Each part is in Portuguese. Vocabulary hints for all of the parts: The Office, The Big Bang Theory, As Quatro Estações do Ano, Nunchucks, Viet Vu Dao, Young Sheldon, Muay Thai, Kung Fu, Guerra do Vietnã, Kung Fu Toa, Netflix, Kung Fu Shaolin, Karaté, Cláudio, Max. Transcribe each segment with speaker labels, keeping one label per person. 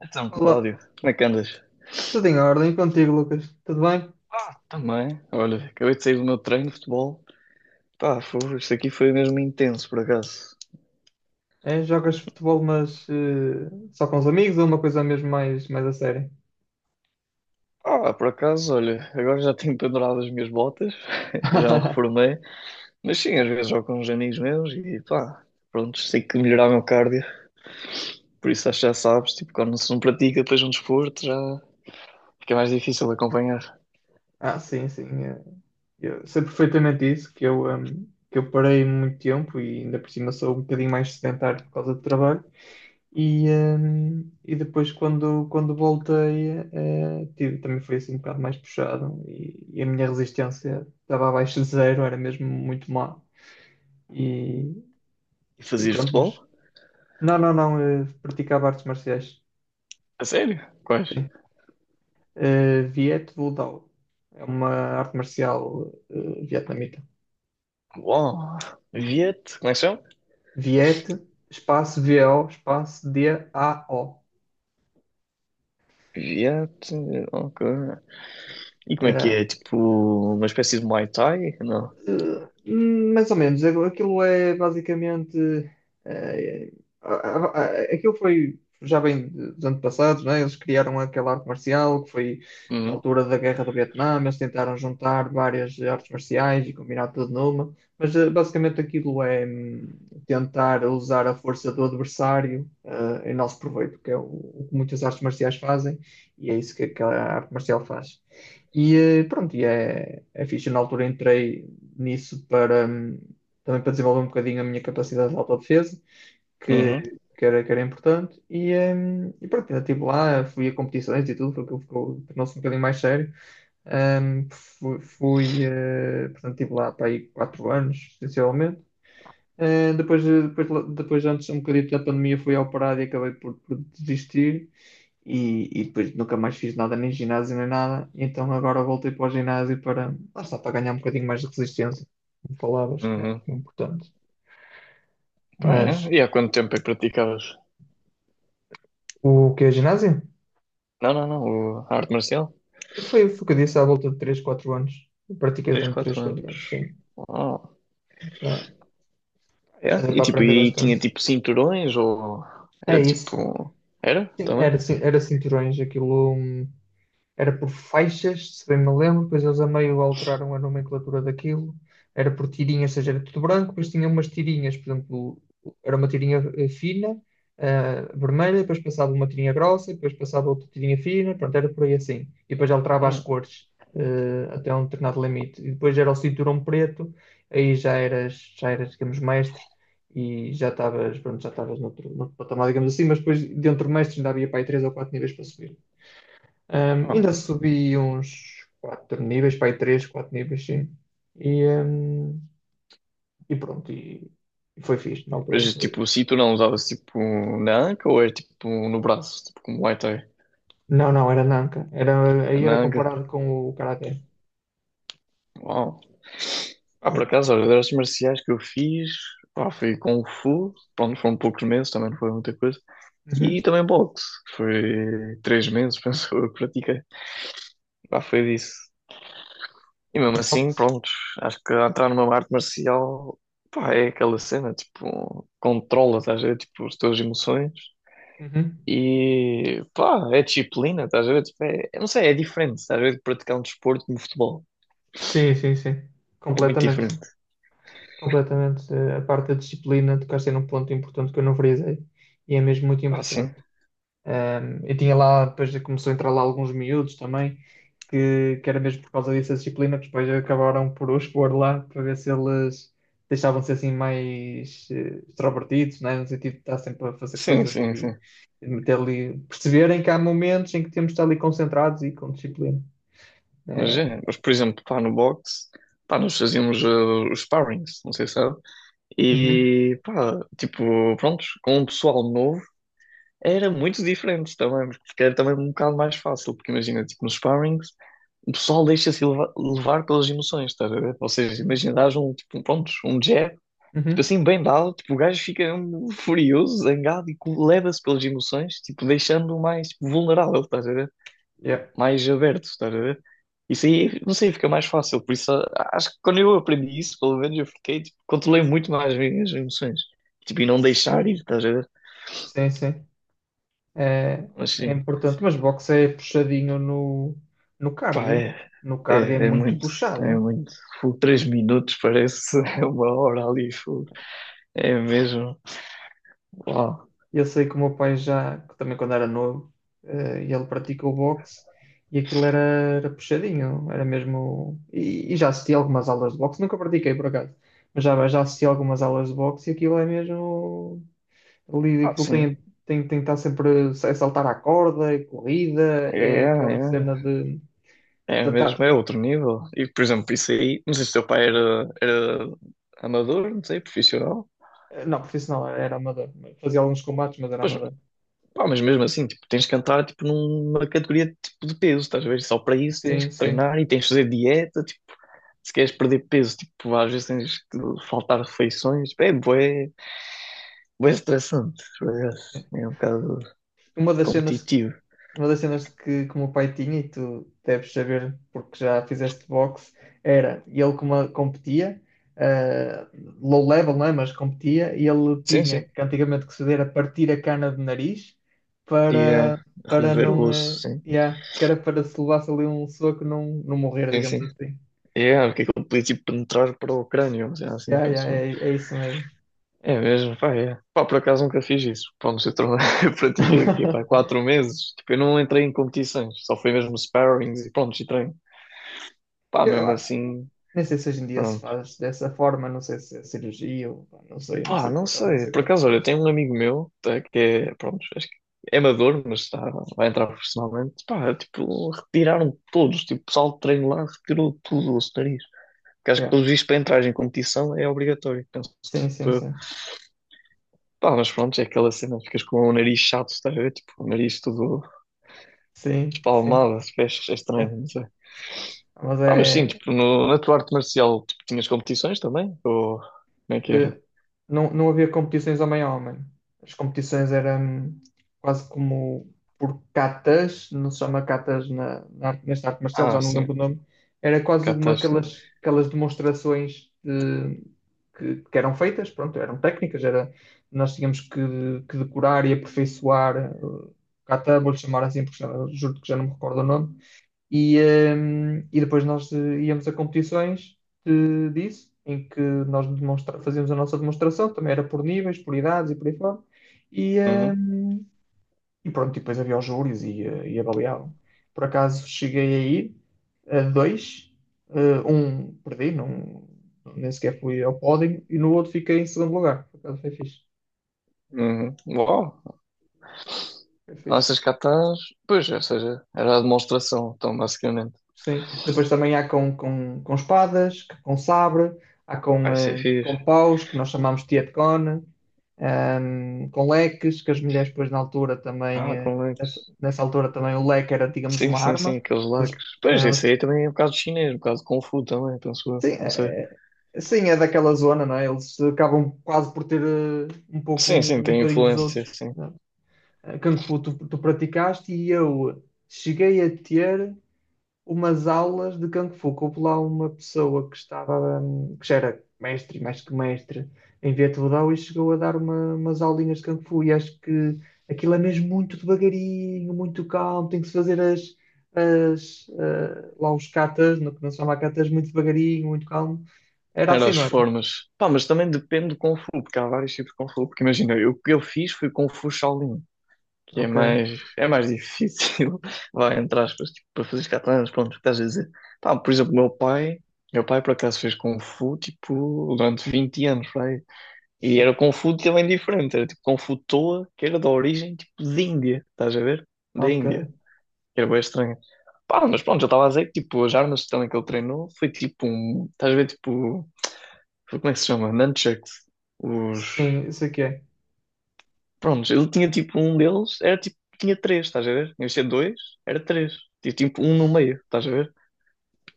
Speaker 1: Então,
Speaker 2: Olá,
Speaker 1: Cláudio, como é que andas?
Speaker 2: tudo em ordem contigo, Lucas? Tudo bem?
Speaker 1: Ah, também. Olha, acabei de sair do meu treino de futebol. Pá, fogo, isto aqui foi mesmo intenso, por acaso.
Speaker 2: É, jogas futebol, mas só com os amigos ou uma coisa mesmo mais a sério?
Speaker 1: Ah, por acaso, olha, agora já tenho pendurado as minhas botas, já me reformei. Mas sim, às vezes jogo com uns amigos meus e pá, pronto, sei que melhorar o meu cardio. Por isso acho que já sabes, tipo, quando se não pratica depois um desporto, já fica mais difícil acompanhar.
Speaker 2: Ah, sim, sim. Eu sei perfeitamente isso, que eu parei muito tempo e ainda por cima sou um bocadinho mais sedentário por causa do trabalho. E depois quando voltei, tive, também foi assim um bocado mais puxado e a minha resistência estava abaixo de zero, era mesmo muito má. E,
Speaker 1: E
Speaker 2: e
Speaker 1: fazias
Speaker 2: pronto, mas
Speaker 1: futebol?
Speaker 2: Não, não, não, praticava artes marciais.
Speaker 1: A sério? Quais?
Speaker 2: Sim. Viet Vu Dao. É uma arte marcial vietnamita.
Speaker 1: Uau! Viete, como é que se chama?
Speaker 2: Viet, espaço V-O, espaço D-A-O.
Speaker 1: Viete, ok. E como é que
Speaker 2: Era,
Speaker 1: é? Tipo, uma espécie de Muay Thai? Não.
Speaker 2: Eh, Mais ou menos, aquilo é basicamente. eh, Aquilo foi já bem dos antepassados, né? Eles criaram aquela arte marcial que foi na
Speaker 1: Uhum,
Speaker 2: altura da Guerra do Vietnã. Eles tentaram juntar várias artes marciais e combinar tudo numa, mas basicamente aquilo é tentar usar a força do adversário em nosso proveito, que é o que muitas artes marciais fazem, e é isso que aquela arte marcial faz. E pronto, e é fixe. Na altura entrei nisso para também para desenvolver um bocadinho a minha capacidade de autodefesa, que,
Speaker 1: uhum,
Speaker 2: que era importante. E pronto, ainda estive lá, fui a competições e tudo, porque ficou, tornou-se um bocadinho mais sério. Portanto, estive lá para aí quatro anos, essencialmente. Eh, depois, eh, depois, Depois, antes, um bocadinho da pandemia, fui ao parado e acabei por desistir. E depois nunca mais fiz nada, nem ginásio, nem nada. Então agora voltei para o ginásio para, lá está, para ganhar um bocadinho mais de resistência. Como falavas, que é
Speaker 1: uhum.
Speaker 2: importante.
Speaker 1: Pá, é.
Speaker 2: Mas
Speaker 1: E há quanto tempo é que praticavas?
Speaker 2: o que é ginásio?
Speaker 1: Não, não, não. A arte marcial?
Speaker 2: Foi o que eu disse, à volta de 3 4 anos. Eu pratiquei
Speaker 1: três
Speaker 2: durante 3,
Speaker 1: quatro
Speaker 2: 4 anos,
Speaker 1: anos.
Speaker 2: sim.
Speaker 1: Oh,
Speaker 2: Já,
Speaker 1: é?
Speaker 2: Já deu
Speaker 1: E
Speaker 2: para
Speaker 1: tipo,
Speaker 2: aprender
Speaker 1: e tinha
Speaker 2: bastante.
Speaker 1: tipo cinturões ou
Speaker 2: É
Speaker 1: era
Speaker 2: isso.
Speaker 1: tipo. Era
Speaker 2: Sim,
Speaker 1: também?
Speaker 2: era, era cinturões, aquilo. Era por faixas, se bem me lembro, depois eles a meio alteraram a nomenclatura daquilo, era por tirinhas, ou seja, era tudo branco, depois tinha umas tirinhas, por exemplo, era uma tirinha fina, vermelha, depois passava uma tirinha grossa, depois passava outra tirinha fina, pronto, era por aí assim. E depois alterava as
Speaker 1: É.
Speaker 2: cores, até um determinado limite. E depois era o cinturão preto, aí já eras, digamos, mestre. E já estavas, pronto, já estavas noutro patamar, digamos assim, mas depois dentro do mestre ainda havia para aí três ou quatro níveis para subir.
Speaker 1: Oh.
Speaker 2: Ainda subi uns 4 níveis, para aí 3, 4 níveis, sim. E, e pronto, e, e foi fixe na altura.
Speaker 1: Mas tipo, o cinturão usava-se tipo na anca ou era tipo no braço, tipo como Muay Thai?
Speaker 2: Não, não, era Nanka. Era, aí
Speaker 1: Na
Speaker 2: era
Speaker 1: anca.
Speaker 2: comparado com o Karaté.
Speaker 1: Uau. Ah, por
Speaker 2: É.
Speaker 1: acaso, olha, das artes marciais que eu fiz, pá, foi Kung Fu. Pronto, foram poucos meses, também não foi muita coisa. E
Speaker 2: Uhum.
Speaker 1: também boxe. Foi 3 meses, penso eu, que pratiquei. Pá, foi disso. E mesmo assim,
Speaker 2: Boxe.
Speaker 1: pronto, acho que ao entrar numa arte marcial, pá, é aquela cena, tipo, controla, estás a ver, tipo, as tuas emoções.
Speaker 2: Uhum.
Speaker 1: E, pá, é disciplina, estás a ver, tipo, é, eu não sei, é diferente, estás a ver, de praticar um desporto como futebol.
Speaker 2: Sim, sim, sim.
Speaker 1: É muito
Speaker 2: Completamente.
Speaker 1: diferente.
Speaker 2: Completamente. A parte da disciplina, tocaste aí num ponto importante que eu não frisei. E é mesmo muito
Speaker 1: Pá,
Speaker 2: importante.
Speaker 1: sim.
Speaker 2: Um, e tinha lá, depois começou a entrar lá alguns miúdos também, que era mesmo por causa dessa disciplina, que depois acabaram por o expor lá, para ver se eles deixavam-se assim mais extrovertidos, né? No sentido de estar sempre a fazer
Speaker 1: Sim,
Speaker 2: coisas
Speaker 1: sim, sim.
Speaker 2: e de meter ali, perceberem que há momentos em que temos de estar ali concentrados e com disciplina.
Speaker 1: Mas
Speaker 2: É,
Speaker 1: é, mas por exemplo, pá, no boxe, pá, nós fazíamos os sparrings, não sei se sabe.
Speaker 2: uhum,
Speaker 1: E pá, tipo, prontos, com um pessoal novo era muito diferente também, porque era também é um bocado mais fácil, porque imagina, tipo, nos sparrings, o pessoal deixa-se levar pelas emoções, estás a ver? Ou seja, imagina,
Speaker 2: uhum,
Speaker 1: dás um, tipo, um, prontos, um jab, tipo
Speaker 2: uhum,
Speaker 1: assim, bem dado, tipo, o gajo fica um, furioso, zangado e leva-se pelas emoções, tipo, deixando-o mais tipo, vulnerável, estás a ver?
Speaker 2: yeah.
Speaker 1: Mais aberto, estás a ver? Isso aí, não sei, fica mais fácil. Por isso, acho que quando eu aprendi isso, pelo menos eu fiquei, tipo, controlei muito mais as minhas emoções. Tipo, e não deixar
Speaker 2: Sim,
Speaker 1: ir, estás a ver?
Speaker 2: sim, sim. É,
Speaker 1: Mas
Speaker 2: é
Speaker 1: sim,
Speaker 2: importante, mas boxe é puxadinho no
Speaker 1: pá,
Speaker 2: cardio.
Speaker 1: é,
Speaker 2: No
Speaker 1: é,
Speaker 2: cardio é
Speaker 1: é
Speaker 2: muito
Speaker 1: muito, é
Speaker 2: puxado.
Speaker 1: muito. Fogo, 3 minutos parece uma hora ali, fogo. É mesmo. Uau.
Speaker 2: Eu sei que o meu pai já, que também quando era novo, ele praticou boxe e aquilo era, era puxadinho, era mesmo. E já assisti algumas aulas de boxe, nunca pratiquei por acaso, mas já assisti algumas aulas de boxe e aquilo é mesmo. Ali,
Speaker 1: Ah, sim.
Speaker 2: tem que estar sempre a saltar à corda, é corrida,
Speaker 1: É,
Speaker 2: é aquela
Speaker 1: é,
Speaker 2: cena de.
Speaker 1: é
Speaker 2: tentar-
Speaker 1: mesmo, é outro nível. E, por exemplo, isso aí, não sei se o teu pai era amador, não sei, profissional.
Speaker 2: Não, profissional, era amador, fazia alguns combates, mas era
Speaker 1: Pois.
Speaker 2: amador.
Speaker 1: Pá, mas mesmo assim, tipo, tens de cantar tipo, numa categoria tipo, de peso, estás a ver? Só para isso tens
Speaker 2: Sim,
Speaker 1: que
Speaker 2: sim.
Speaker 1: treinar e tens de fazer dieta, tipo, se queres perder peso, tipo, às vezes tens que faltar refeições, é bué, bué estressante, por acaso. É um bocado
Speaker 2: Uma das cenas.
Speaker 1: competitivo.
Speaker 2: Uma das cenas que o meu pai tinha, e tu deves saber porque já fizeste boxe, era ele como competia, eh, low level, não é? Mas competia, e ele
Speaker 1: Sim, sim.
Speaker 2: tinha que antigamente que se dera partir a cana de nariz
Speaker 1: E
Speaker 2: para, para
Speaker 1: remover o
Speaker 2: não.
Speaker 1: osso, sim.
Speaker 2: Yeah, que era para se levasse ali um soco não, não morrer,
Speaker 1: Sim,
Speaker 2: digamos
Speaker 1: sim.
Speaker 2: assim.
Speaker 1: É, porque aquilo podia tipo penetrar para o crânio, mas é assim,
Speaker 2: Yeah, yeah,
Speaker 1: penso.
Speaker 2: é, é isso mesmo.
Speaker 1: É mesmo, pá, é. Pá, por acaso nunca fiz isso. Pá, no setor, eu pratiquei o quê? Pá, 4 meses. Tipo, eu não entrei em competições, só foi mesmo sparrings e pronto, e treino. Pá,
Speaker 2: Eu,
Speaker 1: mesmo
Speaker 2: ah,
Speaker 1: assim,
Speaker 2: Nem sei se hoje em dia se
Speaker 1: pronto.
Speaker 2: faz dessa forma, não sei se é cirurgia, ou, pá, não sei, não
Speaker 1: Pá,
Speaker 2: sei
Speaker 1: não
Speaker 2: por acaso, não
Speaker 1: sei.
Speaker 2: sei
Speaker 1: Por
Speaker 2: como é que se
Speaker 1: acaso, olha,
Speaker 2: faz.
Speaker 1: tenho um amigo meu, tá, que é, pronto, acho que é amador, mas está, vai entrar profissionalmente. Pá, tipo, retiraram todos. Tipo, o pessoal de treino lá retirou tudo, o nariz. Porque acho que,
Speaker 2: Yeah.
Speaker 1: pelos vistos, para entrar em competição é obrigatório, penso
Speaker 2: Sim, sim,
Speaker 1: eu.
Speaker 2: sim.
Speaker 1: Pá, mas pronto, é aquela cena, ficas com o nariz chato, estás a ver? Tipo, o nariz todo
Speaker 2: Sim, sim.
Speaker 1: palmadas, pés, é estranho,
Speaker 2: É.
Speaker 1: não sei.
Speaker 2: Mas é.
Speaker 1: Ah, mas sim, tipo, no, na tua arte marcial, tipo, tinhas competições também? Ou como é que era?
Speaker 2: eh, Não, não havia competições homem a homem. As competições eram quase como por catas, não se chama catas nesta arte marcial, já
Speaker 1: Ah,
Speaker 2: não lembro o
Speaker 1: sim,
Speaker 2: nome. Era quase uma
Speaker 1: catás, sim.
Speaker 2: aquelas, aquelas demonstrações de- que eram feitas, pronto, eram técnicas, era, nós tínhamos que decorar e aperfeiçoar o kata, vou-lhe chamar assim, porque já, juro que já não me recordo o nome. E, e depois nós íamos a competições de- disso, em que nós fazíamos a nossa demonstração, também era por níveis, por idades e por aí fora. E,
Speaker 1: Uhum,
Speaker 2: hum, e pronto, e depois havia os júris e avaliavam. Por acaso cheguei a ir a dois, um perdi, não, nem sequer fui ao pódio, e no outro fiquei em segundo lugar. Por acaso foi fixe,
Speaker 1: uhum. Uau,
Speaker 2: foi
Speaker 1: então,
Speaker 2: fixe.
Speaker 1: essas catás, pois, ou seja, era a demonstração, então, basicamente.
Speaker 2: Sim. Depois também há com espadas, com sabre, há com,
Speaker 1: Ah, isso é fixe.
Speaker 2: com paus, que nós chamamos de tietcon, com leques, que as mulheres depois na altura também,
Speaker 1: Ah, com lacres.
Speaker 2: nessa altura também o leque era, digamos,
Speaker 1: Sim,
Speaker 2: uma
Speaker 1: sim,
Speaker 2: arma.
Speaker 1: sim, aqueles
Speaker 2: Elas,
Speaker 1: lacres. Pois,
Speaker 2: elas,
Speaker 1: isso aí também é um bocado chinês, um bocado de Kung Fu também, penso eu,
Speaker 2: sim,
Speaker 1: não sei.
Speaker 2: sim, é daquela zona, não é? Eles acabam quase por ter
Speaker 1: Sim, sim,
Speaker 2: um
Speaker 1: tem
Speaker 2: bocadinho dos
Speaker 1: influência,
Speaker 2: outros.
Speaker 1: sim.
Speaker 2: Não é? Kung Fu tu praticaste e eu cheguei a ter umas aulas de Kung Fu. Houve lá uma pessoa que estava, que já era mestre, mais que mestre, em Vietnã e chegou a dar umas aulinhas de Kung Fu. E acho que aquilo é mesmo muito devagarinho, muito calmo, tem que se fazer lá os katas, no que não se chama katas, muito devagarinho, muito calmo. Era
Speaker 1: Era
Speaker 2: assim,
Speaker 1: as
Speaker 2: não era?
Speaker 1: formas. Pá, mas também depende do Kung Fu, porque há vários tipos de Kung Fu. Porque imagina, o que eu fiz foi Kung Fu Shaolin. Que é
Speaker 2: Ok.
Speaker 1: mais, é mais difícil, vai, entre aspas, tipo, para fazer catalanas, pronto, o que estás a dizer. Pá, por exemplo, meu pai por acaso fez Kung Fu, tipo, durante 20 anos, vai. E era
Speaker 2: Sim.
Speaker 1: Kung Fu também diferente, era tipo Kung Fu Toa, que era da origem, tipo, de Índia, estás a ver? Da Índia,
Speaker 2: Ok.
Speaker 1: que era bem estranho. Pá, mas pronto, já estava a dizer que, tipo, as armas também que ele treinou foi tipo um, estás a ver, tipo, como é que se chama? Nunchucks, os...
Speaker 2: Sim, isso aqui é.
Speaker 1: Prontos, ele tinha tipo um deles, era tipo, tinha três, estás a ver? Em vez de ser dois, era três. Tinha tipo um no meio, estás a ver?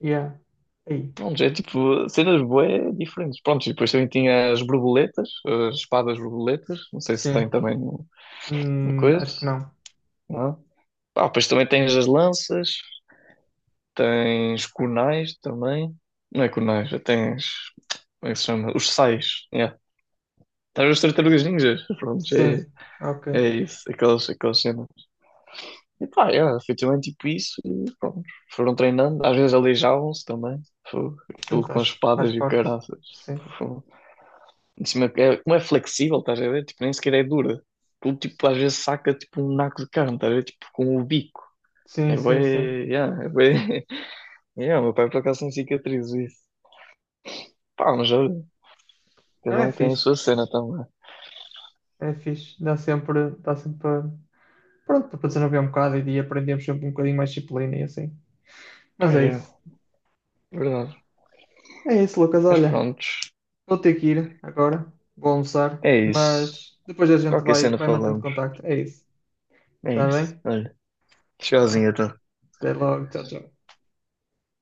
Speaker 2: Yeah. Aí.
Speaker 1: Prontos, é tipo cenas bué diferentes. Prontos, e depois também tinha as borboletas, as espadas borboletas, não sei se
Speaker 2: Sim.
Speaker 1: tem também no coisa,
Speaker 2: Acho que não.
Speaker 1: não? Ah, depois também tens as lanças, tens kunais também. Não é kunais, já tens, como é que se chama? Os sais, yeah. Estás a ver os tartarugas ninjas? Prontos, é,
Speaker 2: Sim. Ok.
Speaker 1: é isso, aquelas cenas. E pá, yeah, foi também tipo isso. E pronto, foram treinando, às vezes aleijavam-se também. Fogo,
Speaker 2: Sim,
Speaker 1: aquilo com
Speaker 2: faz, faz
Speaker 1: espadas e o
Speaker 2: parte.
Speaker 1: caraças. Tipo,
Speaker 2: Sim,
Speaker 1: fogo. Em cima, é, como é flexível, estás a ver? Tipo, nem sequer é dura. Aquilo, tipo, às vezes saca tipo um naco de carne, estás a ver? Tipo, com o bico. É
Speaker 2: sim, sim, sim.
Speaker 1: bem. Yeah, é bem. Yeah, o meu pai por acaso tem cicatrizes isso. Pá, mas olha,
Speaker 2: Não,
Speaker 1: cada
Speaker 2: é
Speaker 1: um tem a
Speaker 2: fixe,
Speaker 1: sua cena também.
Speaker 2: é fixe. Dá sempre para, pronto, para desenvolver um bocado e de aprendemos sempre um bocadinho mais disciplina e assim.
Speaker 1: Pá,
Speaker 2: Mas é
Speaker 1: é,
Speaker 2: isso.
Speaker 1: verdade.
Speaker 2: É isso, Lucas.
Speaker 1: Mas
Speaker 2: Olha,
Speaker 1: prontos,
Speaker 2: vou ter que ir agora. Vou almoçar,
Speaker 1: é isso.
Speaker 2: mas depois a gente
Speaker 1: Qualquer cena
Speaker 2: vai
Speaker 1: falamos.
Speaker 2: mantendo contacto. É isso.
Speaker 1: É
Speaker 2: Está
Speaker 1: isso.
Speaker 2: bem?
Speaker 1: Olha,
Speaker 2: Vá.
Speaker 1: tchauzinho então.
Speaker 2: Até logo. Tchau, tchau.